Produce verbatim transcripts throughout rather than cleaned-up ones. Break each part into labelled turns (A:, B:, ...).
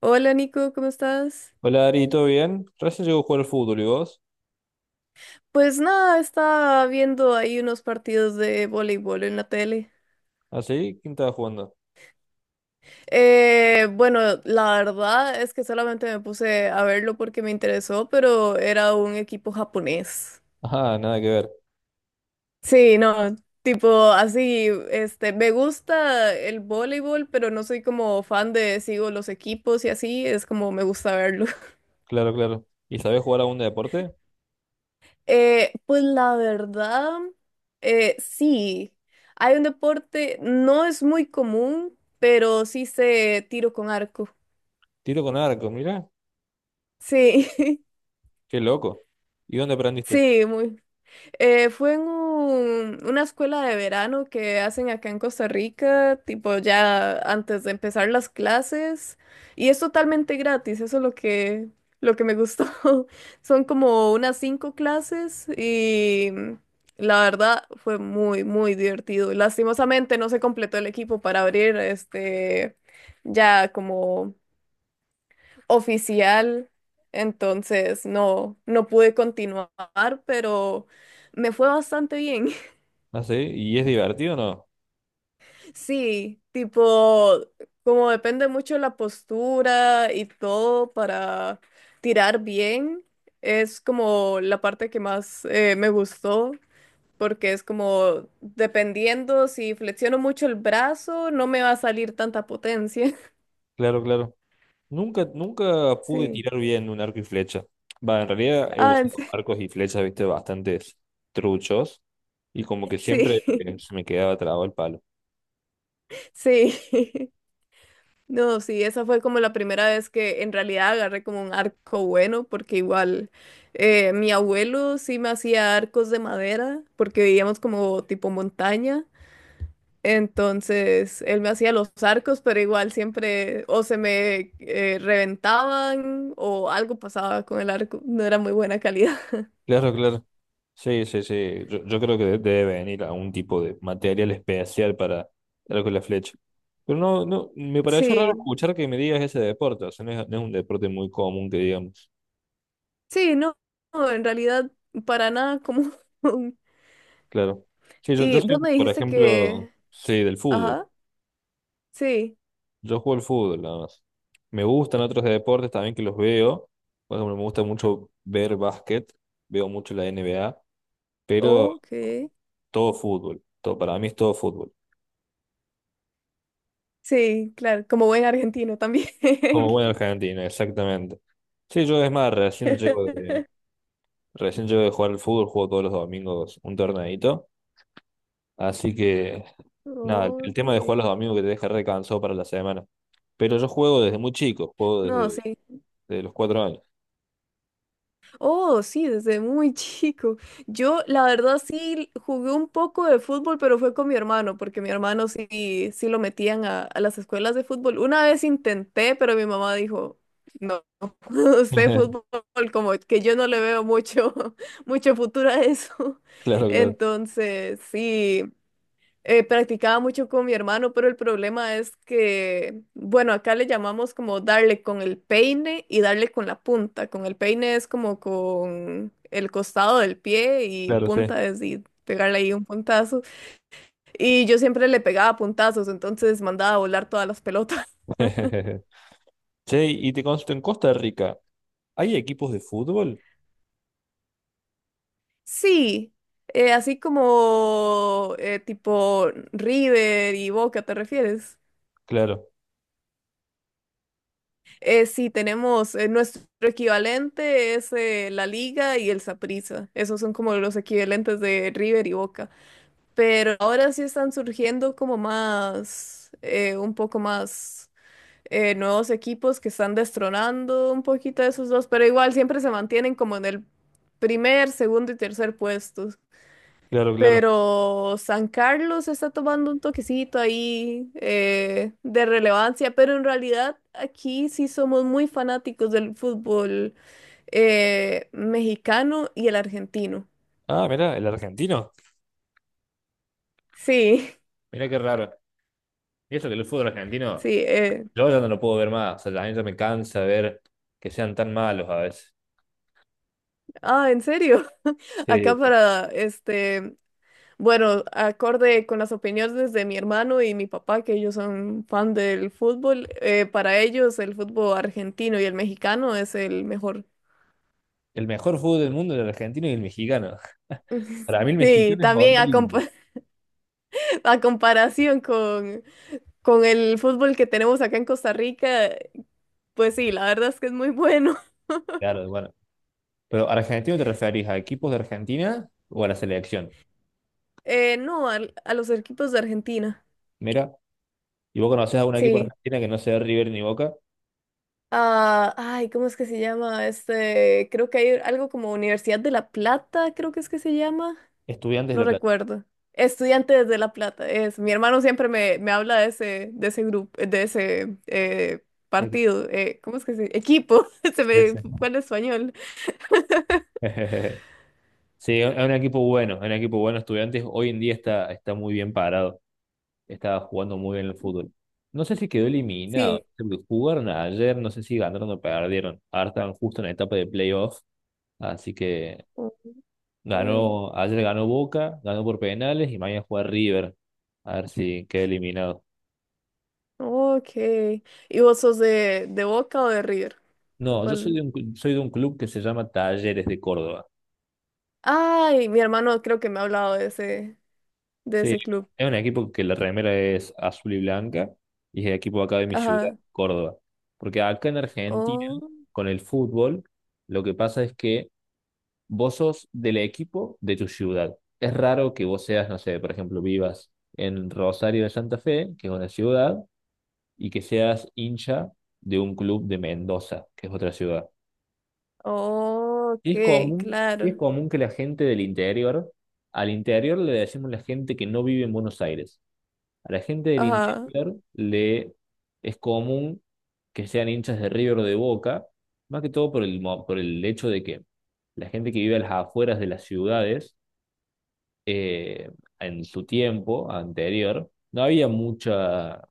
A: Hola Nico, ¿cómo estás?
B: Hola Ari, ¿todo bien? Recién llegó a jugar al fútbol, ¿y vos?
A: Pues nada, estaba viendo ahí unos partidos de voleibol en la tele.
B: ¿Ah, sí? ¿Quién estaba jugando?
A: Eh, bueno, la verdad es que solamente me puse a verlo porque me interesó, pero era un equipo japonés.
B: Ajá, nada que ver.
A: Sí, no, tipo así, este, me gusta el voleibol, pero no soy como fan de sigo los equipos y así, es como me gusta verlo.
B: Claro, claro. ¿Y sabés jugar algún deporte?
A: Eh, pues la verdad, eh, sí, hay un deporte, no es muy común, pero sí sé tiro con arco.
B: Tiro con arco, mira.
A: Sí,
B: Qué loco. ¿Y dónde aprendiste?
A: sí, muy, Eh, fue en un- una escuela de verano que hacen acá en Costa Rica, tipo ya antes de empezar las clases, y es totalmente gratis, eso es lo que, lo que me gustó. Son como unas cinco clases y mm, la verdad fue muy, muy divertido. Lastimosamente no se completó el equipo para abrir este ya como oficial, entonces no, no pude continuar, pero me fue bastante bien.
B: Ah, sí. ¿Y es divertido o no?
A: Sí, tipo, como depende mucho de la postura y todo para tirar bien, es como la parte que más eh, me gustó. Porque es como, dependiendo si flexiono mucho el brazo, no me va a salir tanta potencia.
B: Claro, claro. Nunca, nunca pude
A: Sí.
B: tirar bien un arco y flecha. Va, en realidad he
A: Ah, en
B: usado
A: se-
B: arcos y flechas, viste, bastantes truchos. Y como que
A: sí,
B: siempre eh, se me quedaba trabado el palo.
A: sí. No, sí, esa fue como la primera vez que en realidad agarré como un arco bueno, porque igual eh, mi abuelo sí me hacía arcos de madera, porque vivíamos como tipo montaña, entonces él me hacía los arcos, pero igual siempre o se me eh, reventaban o algo pasaba con el arco, no era muy buena calidad.
B: Claro, claro. Sí, sí, sí. Yo, yo creo que de- debe venir algún tipo de material especial para algo con la flecha. Pero no, no, me pareció raro
A: Sí,
B: escuchar que me digas ese deporte. O sea, no es, no es un deporte muy común que digamos.
A: sí, no, no, en realidad para nada como... un-
B: Claro. Sí, yo, yo
A: Y
B: soy,
A: vos me
B: por
A: dijiste
B: ejemplo,
A: que...
B: sí, del fútbol.
A: Ajá, sí,
B: Yo juego al fútbol nada más. Me gustan otros deportes también que los veo. Por ejemplo, me gusta mucho ver básquet. Veo mucho la N B A. Pero
A: ok.
B: todo fútbol. Todo, para mí es todo fútbol.
A: Sí, claro, como buen argentino también.
B: Como buen argentino exactamente. Sí, yo es más, recién llego de, recién llego de jugar al fútbol, juego todos los domingos un torneito. Así que, nada, el,
A: Oh,
B: el tema de jugar
A: sí.
B: los domingos que te deja recansado para la semana. Pero yo juego desde muy chico, juego
A: No,
B: desde,
A: sí.
B: desde los cuatro años.
A: Oh, sí, desde muy chico. Yo, la verdad, sí jugué un poco de fútbol, pero fue con mi hermano, porque mi hermano sí, sí lo metían a, a las escuelas de fútbol. Una vez intenté, pero mi mamá dijo, no, usted fútbol, como que yo no le veo mucho, mucho futuro a eso.
B: Claro, claro,
A: Entonces, sí. Eh, practicaba mucho con mi hermano, pero el problema es que, bueno, acá le llamamos como darle con el peine y darle con la punta. Con el peine es como con el costado del pie y
B: claro, sí.
A: punta es y pegarle ahí un puntazo. Y yo siempre le pegaba puntazos, entonces mandaba a volar todas las pelotas.
B: Che, y te consulto, en Costa Rica, ¿hay equipos de fútbol?
A: Sí, eh, así como eh, tipo River y Boca, ¿te refieres?
B: Claro,
A: Eh, sí, tenemos eh, nuestro equivalente es eh, la Liga y el Saprissa. Esos son como los equivalentes de River y Boca. Pero ahora sí están surgiendo como más, eh, un poco más eh, nuevos equipos que están destronando un poquito a esos dos, pero igual siempre se mantienen como en el primer, segundo y tercer puesto.
B: claro, claro.
A: Pero San Carlos está tomando un toquecito ahí eh, de relevancia, pero en realidad aquí sí somos muy fanáticos del fútbol eh, mexicano y el argentino.
B: Ah, mirá, el argentino.
A: Sí,
B: Mirá qué raro. Y eso que el fútbol argentino,
A: sí. eh,
B: yo ya no lo puedo ver más. O sea, la neta me cansa ver que sean tan malos a veces.
A: Ah, ¿en serio? Acá
B: Sí,
A: para, este, bueno, acorde con las opiniones de mi hermano y mi papá, que ellos son fan del fútbol, eh, para ellos el fútbol argentino y el mexicano es el mejor.
B: el mejor fútbol del mundo era el argentino y el mexicano. Para mí el
A: Sí,
B: mexicano es
A: también a,
B: horrible.
A: compa- a comparación con, con el fútbol que tenemos acá en Costa Rica, pues sí, la verdad es que es muy bueno.
B: Claro, bueno. Pero argentino te referís a equipos de Argentina o a la selección.
A: Eh, no, al- a, los equipos de Argentina,
B: Mira, y vos conocés a un equipo de
A: sí.
B: Argentina que no sea River ni Boca.
A: Ah, ay, ¿cómo es que se llama? Este, creo que hay algo como Universidad de La Plata, creo que es que se llama.
B: Estudiantes de
A: No
B: La Plata.
A: recuerdo. Estudiantes de La Plata, es. Mi hermano siempre me, me habla de ese, de ese grupo, de ese eh,
B: Equi-
A: partido. Eh, ¿cómo es que se? Equipo, se
B: Sí,
A: me
B: sí.
A: fue el español.
B: Sí, es un equipo bueno, es un equipo bueno, Estudiantes hoy en día está, está muy bien parado. Estaba jugando muy bien el fútbol. No sé si quedó eliminado,
A: Sí.
B: porque jugaron ayer, no sé si ganaron o perdieron. Ahora están justo en la etapa de playoff, así que
A: Ok.
B: ganó, ayer ganó Boca, ganó por penales y mañana juega River, a ver si queda eliminado.
A: Ok. ¿Y vos sos de, de Boca o de River? ¿De
B: No, yo soy de
A: cuál?
B: un, cl- soy de un club que se llama Talleres de Córdoba.
A: Ay, mi hermano creo que me ha hablado de ese, de
B: Sí,
A: ese club.
B: es un equipo que la remera es azul y blanca y es el equipo acá de mi ciudad,
A: Ajá.
B: Córdoba. Porque acá en Argentina,
A: Oh,
B: con el fútbol, lo que pasa es que vos sos del equipo de tu ciudad. Es raro que vos seas, no sé, por ejemplo, vivas en Rosario de Santa Fe, que es una ciudad, y que seas hincha de un club de Mendoza, que es otra ciudad. Sí es
A: ok,
B: común, sí es
A: claro.
B: común que la gente del interior, al interior le decimos la gente que no vive en Buenos Aires. A la gente del
A: Ajá.
B: interior le es común que sean hinchas de River o de Boca, más que todo por el, mo- por el hecho de que la gente que vive a las afueras de las ciudades eh, en su tiempo anterior, no había mucha,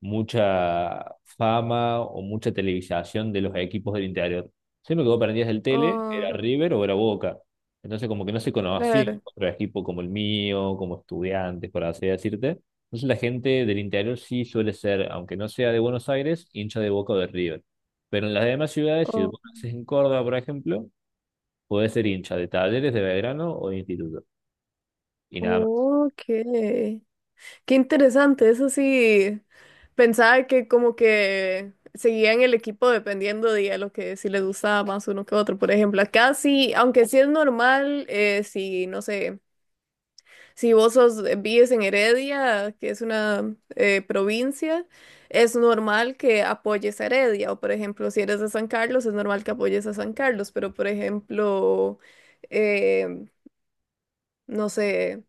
B: mucha fama o mucha televisación de los equipos del interior. Siempre que vos prendías el tele, era
A: Oh,
B: River o era Boca. Entonces como que no se conocía
A: claro.
B: otro equipo como el mío, como estudiantes, por así decirte. Entonces la gente del interior sí suele ser, aunque no sea de Buenos Aires, hincha de Boca o de River. Pero en las demás ciudades, si vos naces en Córdoba, por ejemplo, podés ser hincha de Talleres, de Belgrano o de Instituto. Y nada
A: Oh, ok. Qué interesante, eso sí, pensaba que como que seguían el equipo dependiendo de a lo que si les gustaba más uno que otro. Por ejemplo, acá sí, aunque sí es normal, eh, si no sé, si vos sos, eh, vives en Heredia, que es una eh, provincia, es normal que apoyes a Heredia. O por ejemplo, si eres de San Carlos, es normal que apoyes a San Carlos. Pero por ejemplo, eh, no sé.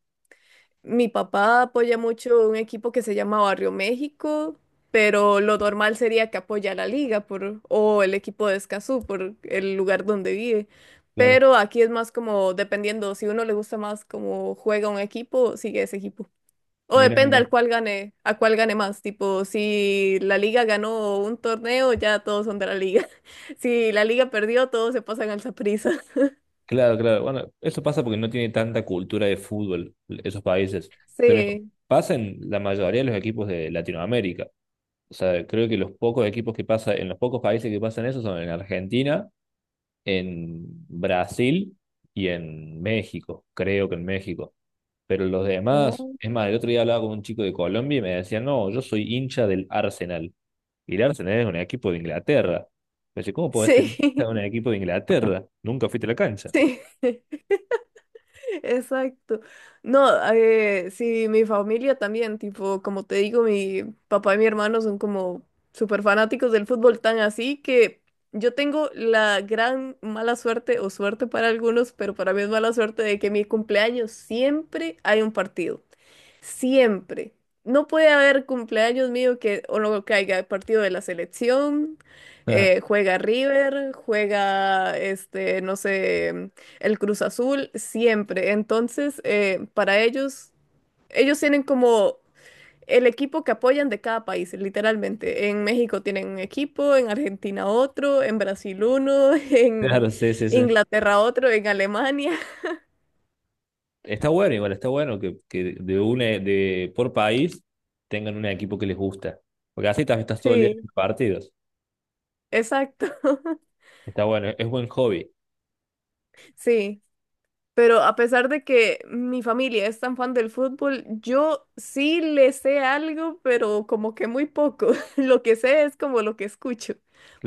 A: Mi papá apoya mucho un equipo que se llama Barrio México, pero lo normal sería que apoya la liga por, o el equipo de Escazú por el lugar donde vive.
B: más.
A: Pero aquí es más como dependiendo, si uno le gusta más como juega un equipo, sigue ese equipo. O
B: Mira,
A: depende
B: mira.
A: al cual gane, a cuál gane más. Tipo, si la liga ganó un torneo, ya todos son de la liga. Si la liga perdió, todos se pasan al Saprissa.
B: Claro, claro. Bueno, eso pasa porque no tiene tanta cultura de fútbol esos países, pero
A: Sí.
B: pasa en la mayoría de los equipos de Latinoamérica. O sea, creo que los pocos equipos que pasa, en los pocos países que pasan eso son en Argentina, en Brasil y en México, creo que en México. Pero los demás,
A: Oh.
B: es más, el otro día hablaba con un chico de Colombia y me decía, no, yo soy hincha del Arsenal. Y el Arsenal es un equipo de Inglaterra. Me dice, ¿cómo podés ser hincha
A: Sí.
B: de un equipo de Inglaterra? Nunca fuiste a la cancha.
A: Exacto. No, eh, sí, mi familia también, tipo, como te digo, mi papá y mi hermano son como súper fanáticos del fútbol, tan así que yo tengo la gran mala suerte, o suerte para algunos, pero para mí es mala suerte de que mi cumpleaños siempre hay un partido. Siempre. No puede haber cumpleaños mío que o no caiga partido de la selección, eh, juega River, juega este, no sé, el Cruz Azul, siempre. Entonces, eh, para ellos, ellos tienen como el equipo que apoyan de cada país, literalmente. En México tienen un equipo, en Argentina otro, en Brasil uno, en
B: Claro, sí, sí, sí.
A: Inglaterra otro, en Alemania.
B: Está bueno, igual, está bueno que, que de una, de por país tengan un equipo que les gusta. Porque así también estás todo el día
A: Sí,
B: en partidos.
A: exacto.
B: Está bueno, es buen hobby.
A: Sí. Pero a pesar de que mi familia es tan fan del fútbol, yo sí le sé algo, pero como que muy poco. Lo que sé es como lo que escucho.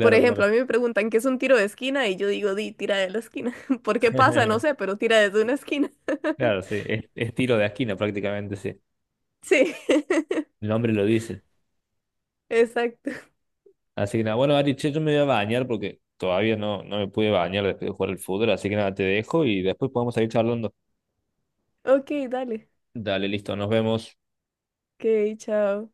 A: Por ejemplo, a
B: claro.
A: mí me preguntan qué es un tiro de esquina y yo digo, di, tira de la esquina. ¿Por qué pasa? No sé, pero tira desde una esquina.
B: Claro, sí. Es, es tiro de esquina prácticamente, sí.
A: Sí,
B: El nombre lo dice.
A: exacto.
B: Así que nada, bueno, Ari, che, yo me voy a bañar porque todavía no, no me pude bañar después de jugar el fútbol. Así que nada, te dejo y después podemos seguir charlando.
A: Ok, dale.
B: Dale, listo, nos vemos.
A: Ok, chao.